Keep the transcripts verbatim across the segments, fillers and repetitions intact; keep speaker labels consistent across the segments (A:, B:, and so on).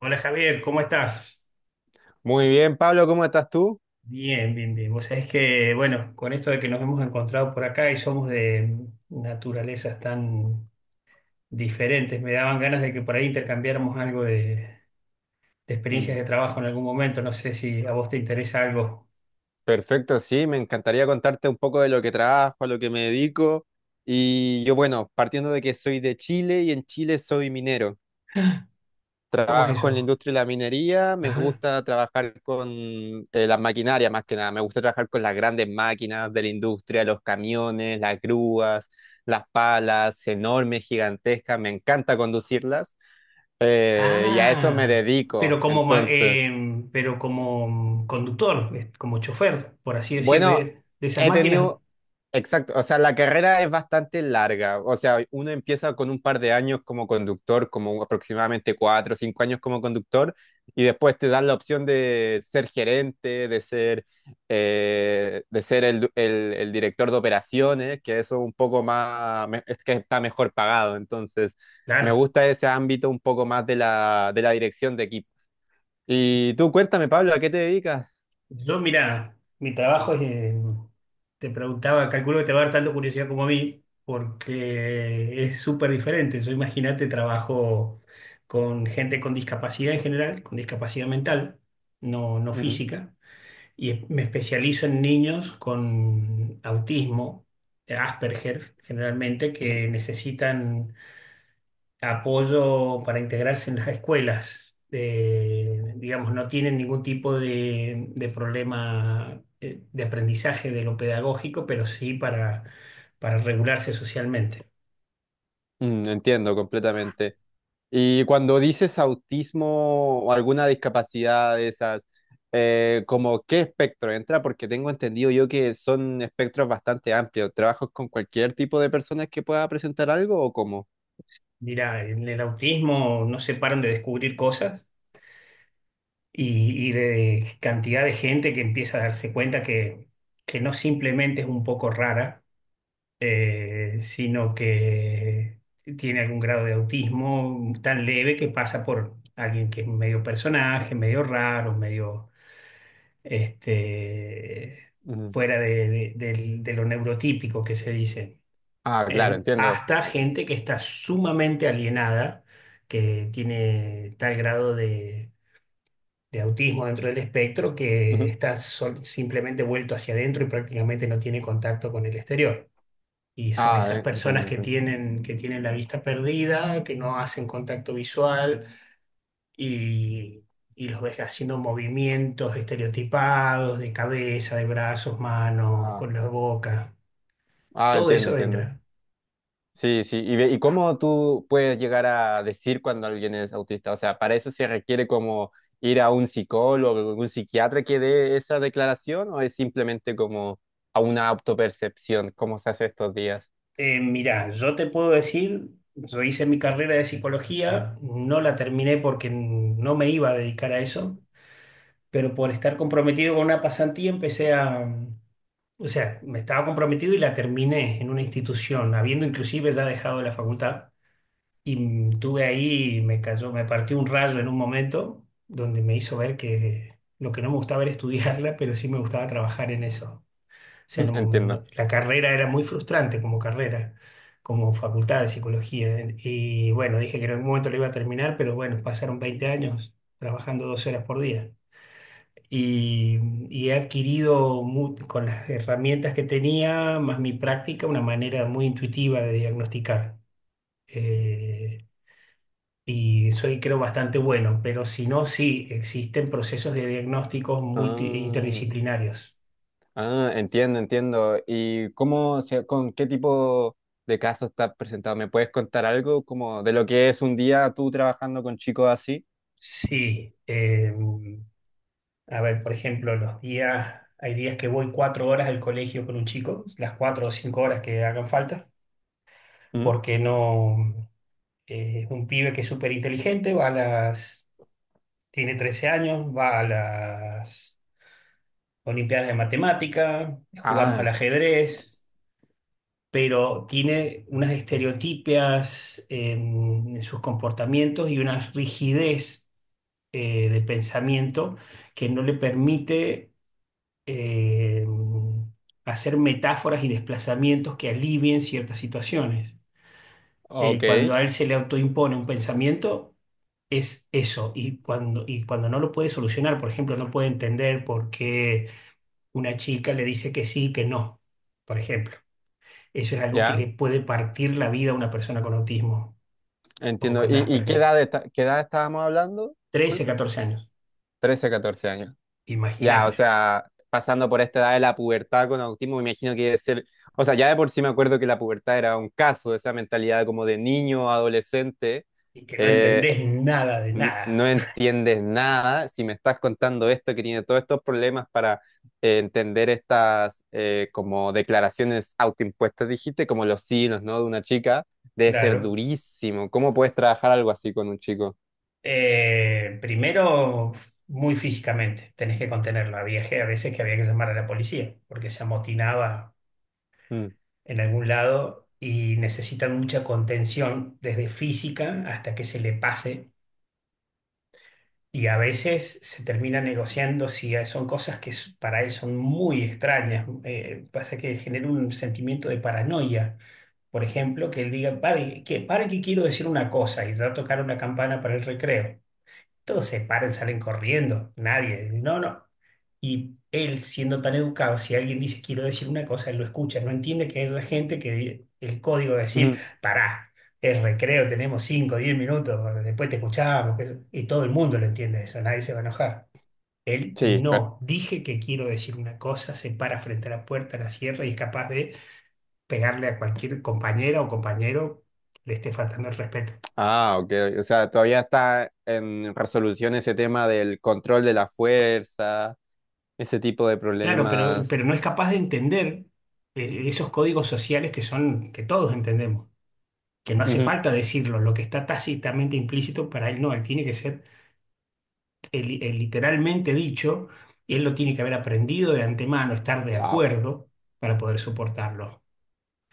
A: Hola Javier, ¿cómo estás?
B: Muy bien, Pablo, ¿cómo estás tú?
A: Bien, bien, bien. Vos sabés que, bueno, con esto de que nos hemos encontrado por acá y somos de naturalezas tan diferentes, me daban ganas de que por ahí intercambiáramos algo de, de experiencias
B: Mm.
A: de trabajo en algún momento. No sé si a vos te interesa algo.
B: Perfecto, sí, me encantaría contarte un poco de lo que trabajo, a lo que me dedico. Y yo, bueno, partiendo de que soy de Chile y en Chile soy minero.
A: ¿Cómo es
B: Trabajo en la
A: eso?
B: industria de la minería, me
A: Ajá.
B: gusta trabajar con eh, las maquinarias más que nada, me gusta trabajar con las grandes máquinas de la industria, los camiones, las grúas, las palas, enormes, gigantescas, me encanta conducirlas, eh, y a eso me
A: Ah,
B: dedico.
A: pero como, ma-
B: Entonces...
A: em, pero como conductor, eh, como chofer, por así decir,
B: bueno,
A: de, de esas
B: he
A: máquinas.
B: tenido, exacto, o sea, la carrera es bastante larga, o sea, uno empieza con un par de años como conductor, como aproximadamente cuatro o cinco años como conductor, y después te dan la opción de ser gerente, de ser, eh, de ser el, el- el director de operaciones, que eso un poco más, me- es que está mejor pagado, entonces me
A: Claro.
B: gusta ese ámbito un poco más de la, de la dirección de equipo. Y tú cuéntame, Pablo, ¿a qué te dedicas?
A: Yo, mira, mi trabajo es, eh, te preguntaba, calculo que te va a dar tanto curiosidad como a mí, porque es súper diferente. Yo imagínate, trabajo con gente con discapacidad en general, con discapacidad mental, no, no
B: Mm.
A: física, y es- me especializo en niños con autismo, Asperger, generalmente, que necesitan apoyo para integrarse en las escuelas. Eh, digamos, no tienen ningún tipo de, de problema, eh, de aprendizaje de lo pedagógico, pero sí para, para regularse socialmente.
B: Mm, entiendo completamente. Y cuando dices autismo o alguna discapacidad de esas, eh, ¿como qué espectro entra? Porque tengo entendido yo que son espectros bastante amplios. ¿Trabajas con cualquier tipo de personas que pueda presentar algo o cómo?
A: Mira, en el autismo no se paran de descubrir cosas y, y de cantidad de gente que empieza a darse cuenta que, que no simplemente es un poco rara, eh, sino que tiene algún grado de autismo tan leve que pasa por alguien que es medio personaje, medio raro, medio este,
B: Ujú.
A: fuera de, de- del- de lo neurotípico que se dice.
B: Ah, claro,
A: En-
B: entiendo.
A: hasta gente que está sumamente alienada, que tiene tal grado de... de autismo dentro del espectro, que
B: Ujú.
A: está sol- simplemente vuelto hacia adentro y prácticamente no tiene contacto con el exterior. Y son
B: Ah,
A: esas
B: eh,
A: personas
B: entiendo,
A: que
B: entiendo.
A: tienen, que tienen la vista perdida, que no hacen contacto visual y, y los ves haciendo movimientos estereotipados de cabeza, de brazos, manos,
B: Ah,
A: con la boca.
B: ah,
A: Todo
B: entiendo,
A: eso
B: entiendo.
A: entra.
B: Sí, sí. ¿Y, ve- y ¿cómo tú puedes llegar a decir cuando alguien es autista? O sea, para eso se requiere como ir a un psicólogo, un psiquiatra que dé esa declaración, o es simplemente como a una autopercepción, como se hace estos días.
A: Eh, mira, yo te puedo decir, yo hice mi carrera de psicología, no la terminé porque no me iba a dedicar a eso, pero por estar comprometido con una pasantía empecé a. O sea, me estaba comprometido y la terminé en una institución, habiendo inclusive ya dejado la facultad. Y mm, tuve ahí, me cayó, me partió un rayo en un momento donde me hizo ver que lo que no me gustaba era estudiarla, pero sí me gustaba trabajar en eso. O sea, no- no-
B: Entiendo.
A: la carrera era muy frustrante como carrera, como facultad de psicología. Y bueno, dije que en algún momento lo iba a terminar, pero bueno, pasaron veinte años trabajando 12 horas por día y, y he adquirido mu- con las herramientas que tenía, más mi práctica, una manera muy intuitiva de diagnosticar. Eh, y soy, creo, bastante bueno, pero si no, sí, existen procesos de diagnósticos multi
B: Ah,
A: interdisciplinarios.
B: ah, entiendo, entiendo. ¿Y cómo se, con qué tipo de casos estás presentado? ¿Me puedes contar algo como de lo que es un día tú trabajando con chicos así?
A: Sí, eh, a ver, por ejemplo, los días, hay días que voy cuatro horas al colegio con un chico, las cuatro o cinco horas que hagan falta,
B: ¿Mm?
A: porque no, eh, es un pibe que es súper inteligente, va a las tiene trece años, va a las Olimpiadas de Matemática, jugamos
B: Ah,
A: al ajedrez, pero tiene unas estereotipias en, en sus comportamientos y una rigidez, eh, de pensamiento, que no le permite, eh, hacer metáforas y desplazamientos que alivien ciertas situaciones. Eh,
B: ok,
A: cuando a él se le autoimpone un pensamiento, es eso. Y cuando, y cuando no lo puede solucionar, por ejemplo, no puede entender por qué una chica le dice que sí, que no, por ejemplo. Eso es algo que le
B: ya.
A: puede partir la vida a una persona con autismo o
B: Entiendo.
A: con
B: ¿Y, y qué
A: Asperger.
B: edad, esta- qué edad estábamos hablando?
A: trece
B: Disculpa.
A: catorce años,
B: Trece catorce años. Ya, o
A: imagínate.
B: sea, pasando por esta edad de la pubertad con autismo, me imagino que debe ser, o sea, ya de por sí me acuerdo que la pubertad era un caso, esa mentalidad como de niño, adolescente,
A: Y que no
B: eh,
A: entendés nada de
B: n-
A: nada.
B: no entiendes nada. Si me estás contando esto, que tiene todos estos problemas para eh, entender estas eh, como declaraciones autoimpuestas, dijiste, como los sí, los no de una chica. Debe ser
A: Claro.
B: durísimo. ¿Cómo puedes trabajar algo así con un chico?
A: Eh, primero, muy físicamente, tenés que contenerla. Había a veces que había que llamar a la policía porque se amotinaba
B: Mm.
A: en algún lado y necesitan mucha contención, desde física hasta que se le pase. Y a veces se termina negociando si son cosas que s- para él son muy extrañas. Eh, pasa que genera un sentimiento de paranoia. Por ejemplo, que él diga, pare que, para que quiero decir una cosa y ya tocar una campana para el recreo. Todos se paran, salen corriendo. Nadie. No, no. Y él, siendo tan educado, si alguien dice quiero decir una cosa, él lo escucha. No entiende que hay gente que di- el código de decir,
B: Ujú.
A: pará, es recreo, tenemos cinco, diez minutos, después te escuchamos. Que eso. Y todo el mundo lo entiende eso, nadie se va a enojar. Él
B: Sí, pero...
A: no, dije que quiero decir una cosa, se para frente a la puerta, la cierra y es capaz de pegarle a cualquier compañera o compañero que le esté faltando el respeto.
B: Ah, ok. O sea, todavía está en resolución ese tema del control de la fuerza, ese tipo de
A: Claro, pero,
B: problemas.
A: pero no es capaz de entender, eh, esos códigos sociales que son, que todos entendemos, que no hace falta decirlo, lo que está tácitamente implícito para él no, él tiene que ser el- el literalmente dicho y él lo tiene que haber aprendido de antemano, estar de
B: Wow,
A: acuerdo para poder soportarlo.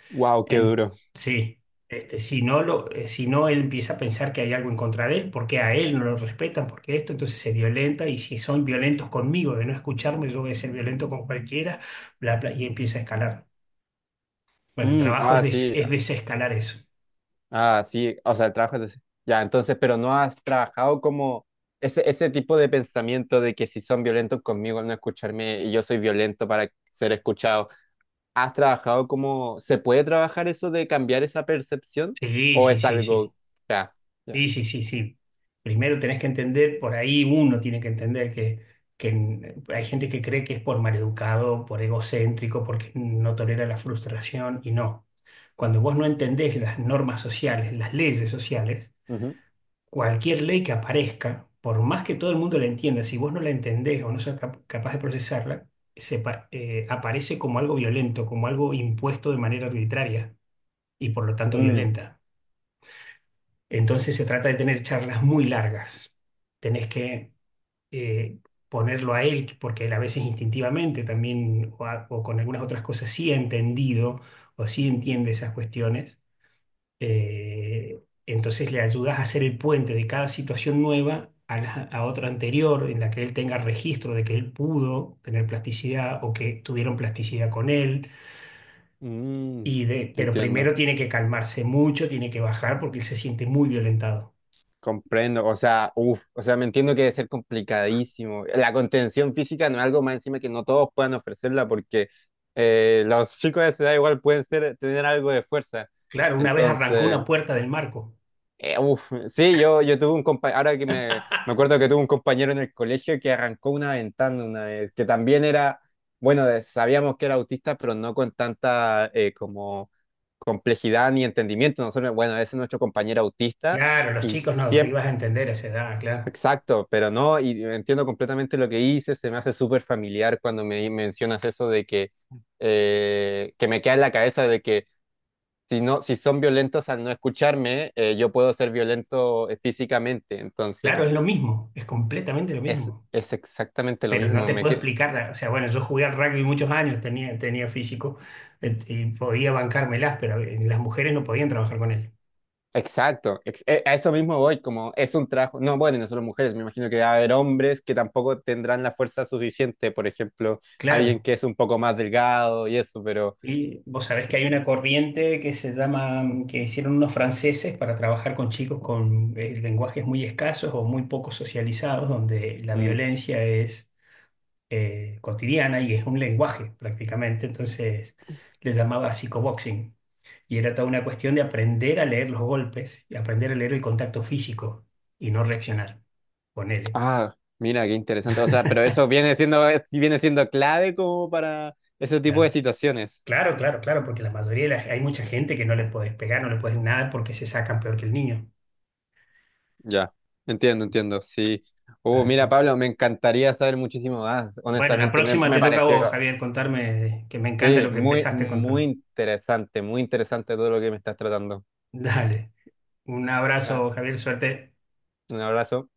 B: wow, qué
A: En,
B: duro.
A: sí, este, si no lo, eh, si no él empieza a pensar que hay algo en contra de él, porque a él no lo respetan, porque esto, entonces se violenta y si son violentos conmigo de no escucharme, yo voy a ser violento con cualquiera, bla, bla, y empieza a escalar. Bueno, el
B: Mm,
A: trabajo es,
B: ah,
A: des-
B: sí,
A: es desescalar eso.
B: ah, sí. O sea, trabajas... de- Ya, entonces, pero no has trabajado como ese, ese tipo de pensamiento de que si son violentos conmigo al no escucharme y yo soy violento para ser escuchado. ¿Has trabajado como... ¿Se puede trabajar eso de cambiar esa percepción?
A: Sí,
B: ¿O
A: sí,
B: es
A: sí,
B: algo...
A: sí.
B: Ya.
A: Sí,
B: Ya.
A: sí, sí, sí. Primero tenés que entender, por ahí uno tiene que entender que, que n- hay gente que cree que es por maleducado, por egocéntrico, porque no tolera la frustración y no. Cuando vos no entendés las normas sociales, las leyes sociales,
B: Ujú.
A: cualquier ley que aparezca, por más que todo el mundo la entienda, si vos no la entendés o no sos cap- capaz de procesarla, se pa- eh, aparece como algo violento, como algo impuesto de manera arbitraria. Y por lo tanto
B: Mm,
A: violenta. Entonces se trata de tener charlas muy largas. Tenés que, eh, ponerlo a él, porque él a veces instintivamente también, o, a- o con algunas otras cosas, sí ha entendido o sí entiende esas cuestiones. Eh, entonces le ayudas a hacer el puente de cada situación nueva a, la- a otra anterior, en la que él tenga registro de que él pudo tener plasticidad o que tuvieron plasticidad con él.
B: mm,
A: Y de, pero primero
B: entiendo,
A: tiene que calmarse mucho, tiene que bajar porque él se siente muy violentado.
B: comprendo, o sea, uf, o sea, me entiendo que debe ser complicadísimo. La contención física no es algo más encima que no todos puedan ofrecerla, porque eh, los chicos de esa edad igual pueden ser, tener algo de fuerza.
A: Claro, una vez arrancó una
B: Entonces,
A: puerta del marco.
B: Eh, uf, sí, yo, yo tuve un compañero, ahora que me, me acuerdo que tuve un compañero en el colegio que arrancó una ventana una vez, que también era, bueno, de- sabíamos que era autista, pero no con tanta eh, como complejidad ni entendimiento. Nosotros, bueno, ese es nuestro compañero autista
A: Claro, los
B: y
A: chicos no, que
B: siempre,
A: ibas a entender a esa edad, claro.
B: exacto, pero no, y entiendo completamente lo que hice, se me hace súper familiar cuando me mencionas eso de que, eh, que me queda en la cabeza de que si no, si son violentos al no escucharme, eh, yo puedo ser violento, eh, físicamente.
A: Claro,
B: Entonces,
A: es lo mismo, es completamente lo
B: es,
A: mismo.
B: es exactamente lo
A: Pero no
B: mismo.
A: te
B: Me
A: puedo
B: que...
A: explicar, la- o sea, bueno, yo jugué al rugby muchos años, tenía, tenía físico, eh, y podía bancármelas, pero eh, las mujeres no podían trabajar con él.
B: Exacto, ex- eh, a eso mismo voy, como es un trabajo, no, bueno, y no solo mujeres, me imagino que va a haber hombres que tampoco tendrán la fuerza suficiente, por ejemplo, alguien
A: Claro,
B: que es un poco más delgado y eso, pero...
A: y vos sabés que hay una corriente que se llama, mm, que hicieron unos franceses para trabajar con chicos con, eh, lenguajes muy escasos o muy poco socializados, donde la
B: mm,
A: violencia es, eh, cotidiana y es un lenguaje prácticamente. Entonces les llamaba psicoboxing. Y era toda una cuestión de aprender a leer los golpes y aprender a leer el contacto físico y no reaccionar. Ponele,
B: ah, mira, qué interesante. O sea, pero eso viene siendo, es- viene siendo clave como para ese tipo de
A: claro.
B: situaciones.
A: Claro, claro, claro, porque la mayoría de la- hay mucha gente que no le podés pegar, no le podés nada porque se sacan peor que el niño.
B: Ya, entiendo, entiendo, sí. Uh, mira,
A: Así que,
B: Pablo, me encantaría saber muchísimo más,
A: bueno, la
B: honestamente, me,
A: próxima
B: me
A: te toca a vos,
B: pareció,
A: Javier, contarme, que me encanta
B: sí,
A: lo que
B: muy,
A: empezaste a
B: muy
A: contar.
B: interesante, muy interesante todo lo que me estás tratando.
A: Dale, un
B: Ya,
A: abrazo, Javier, suerte.
B: un abrazo.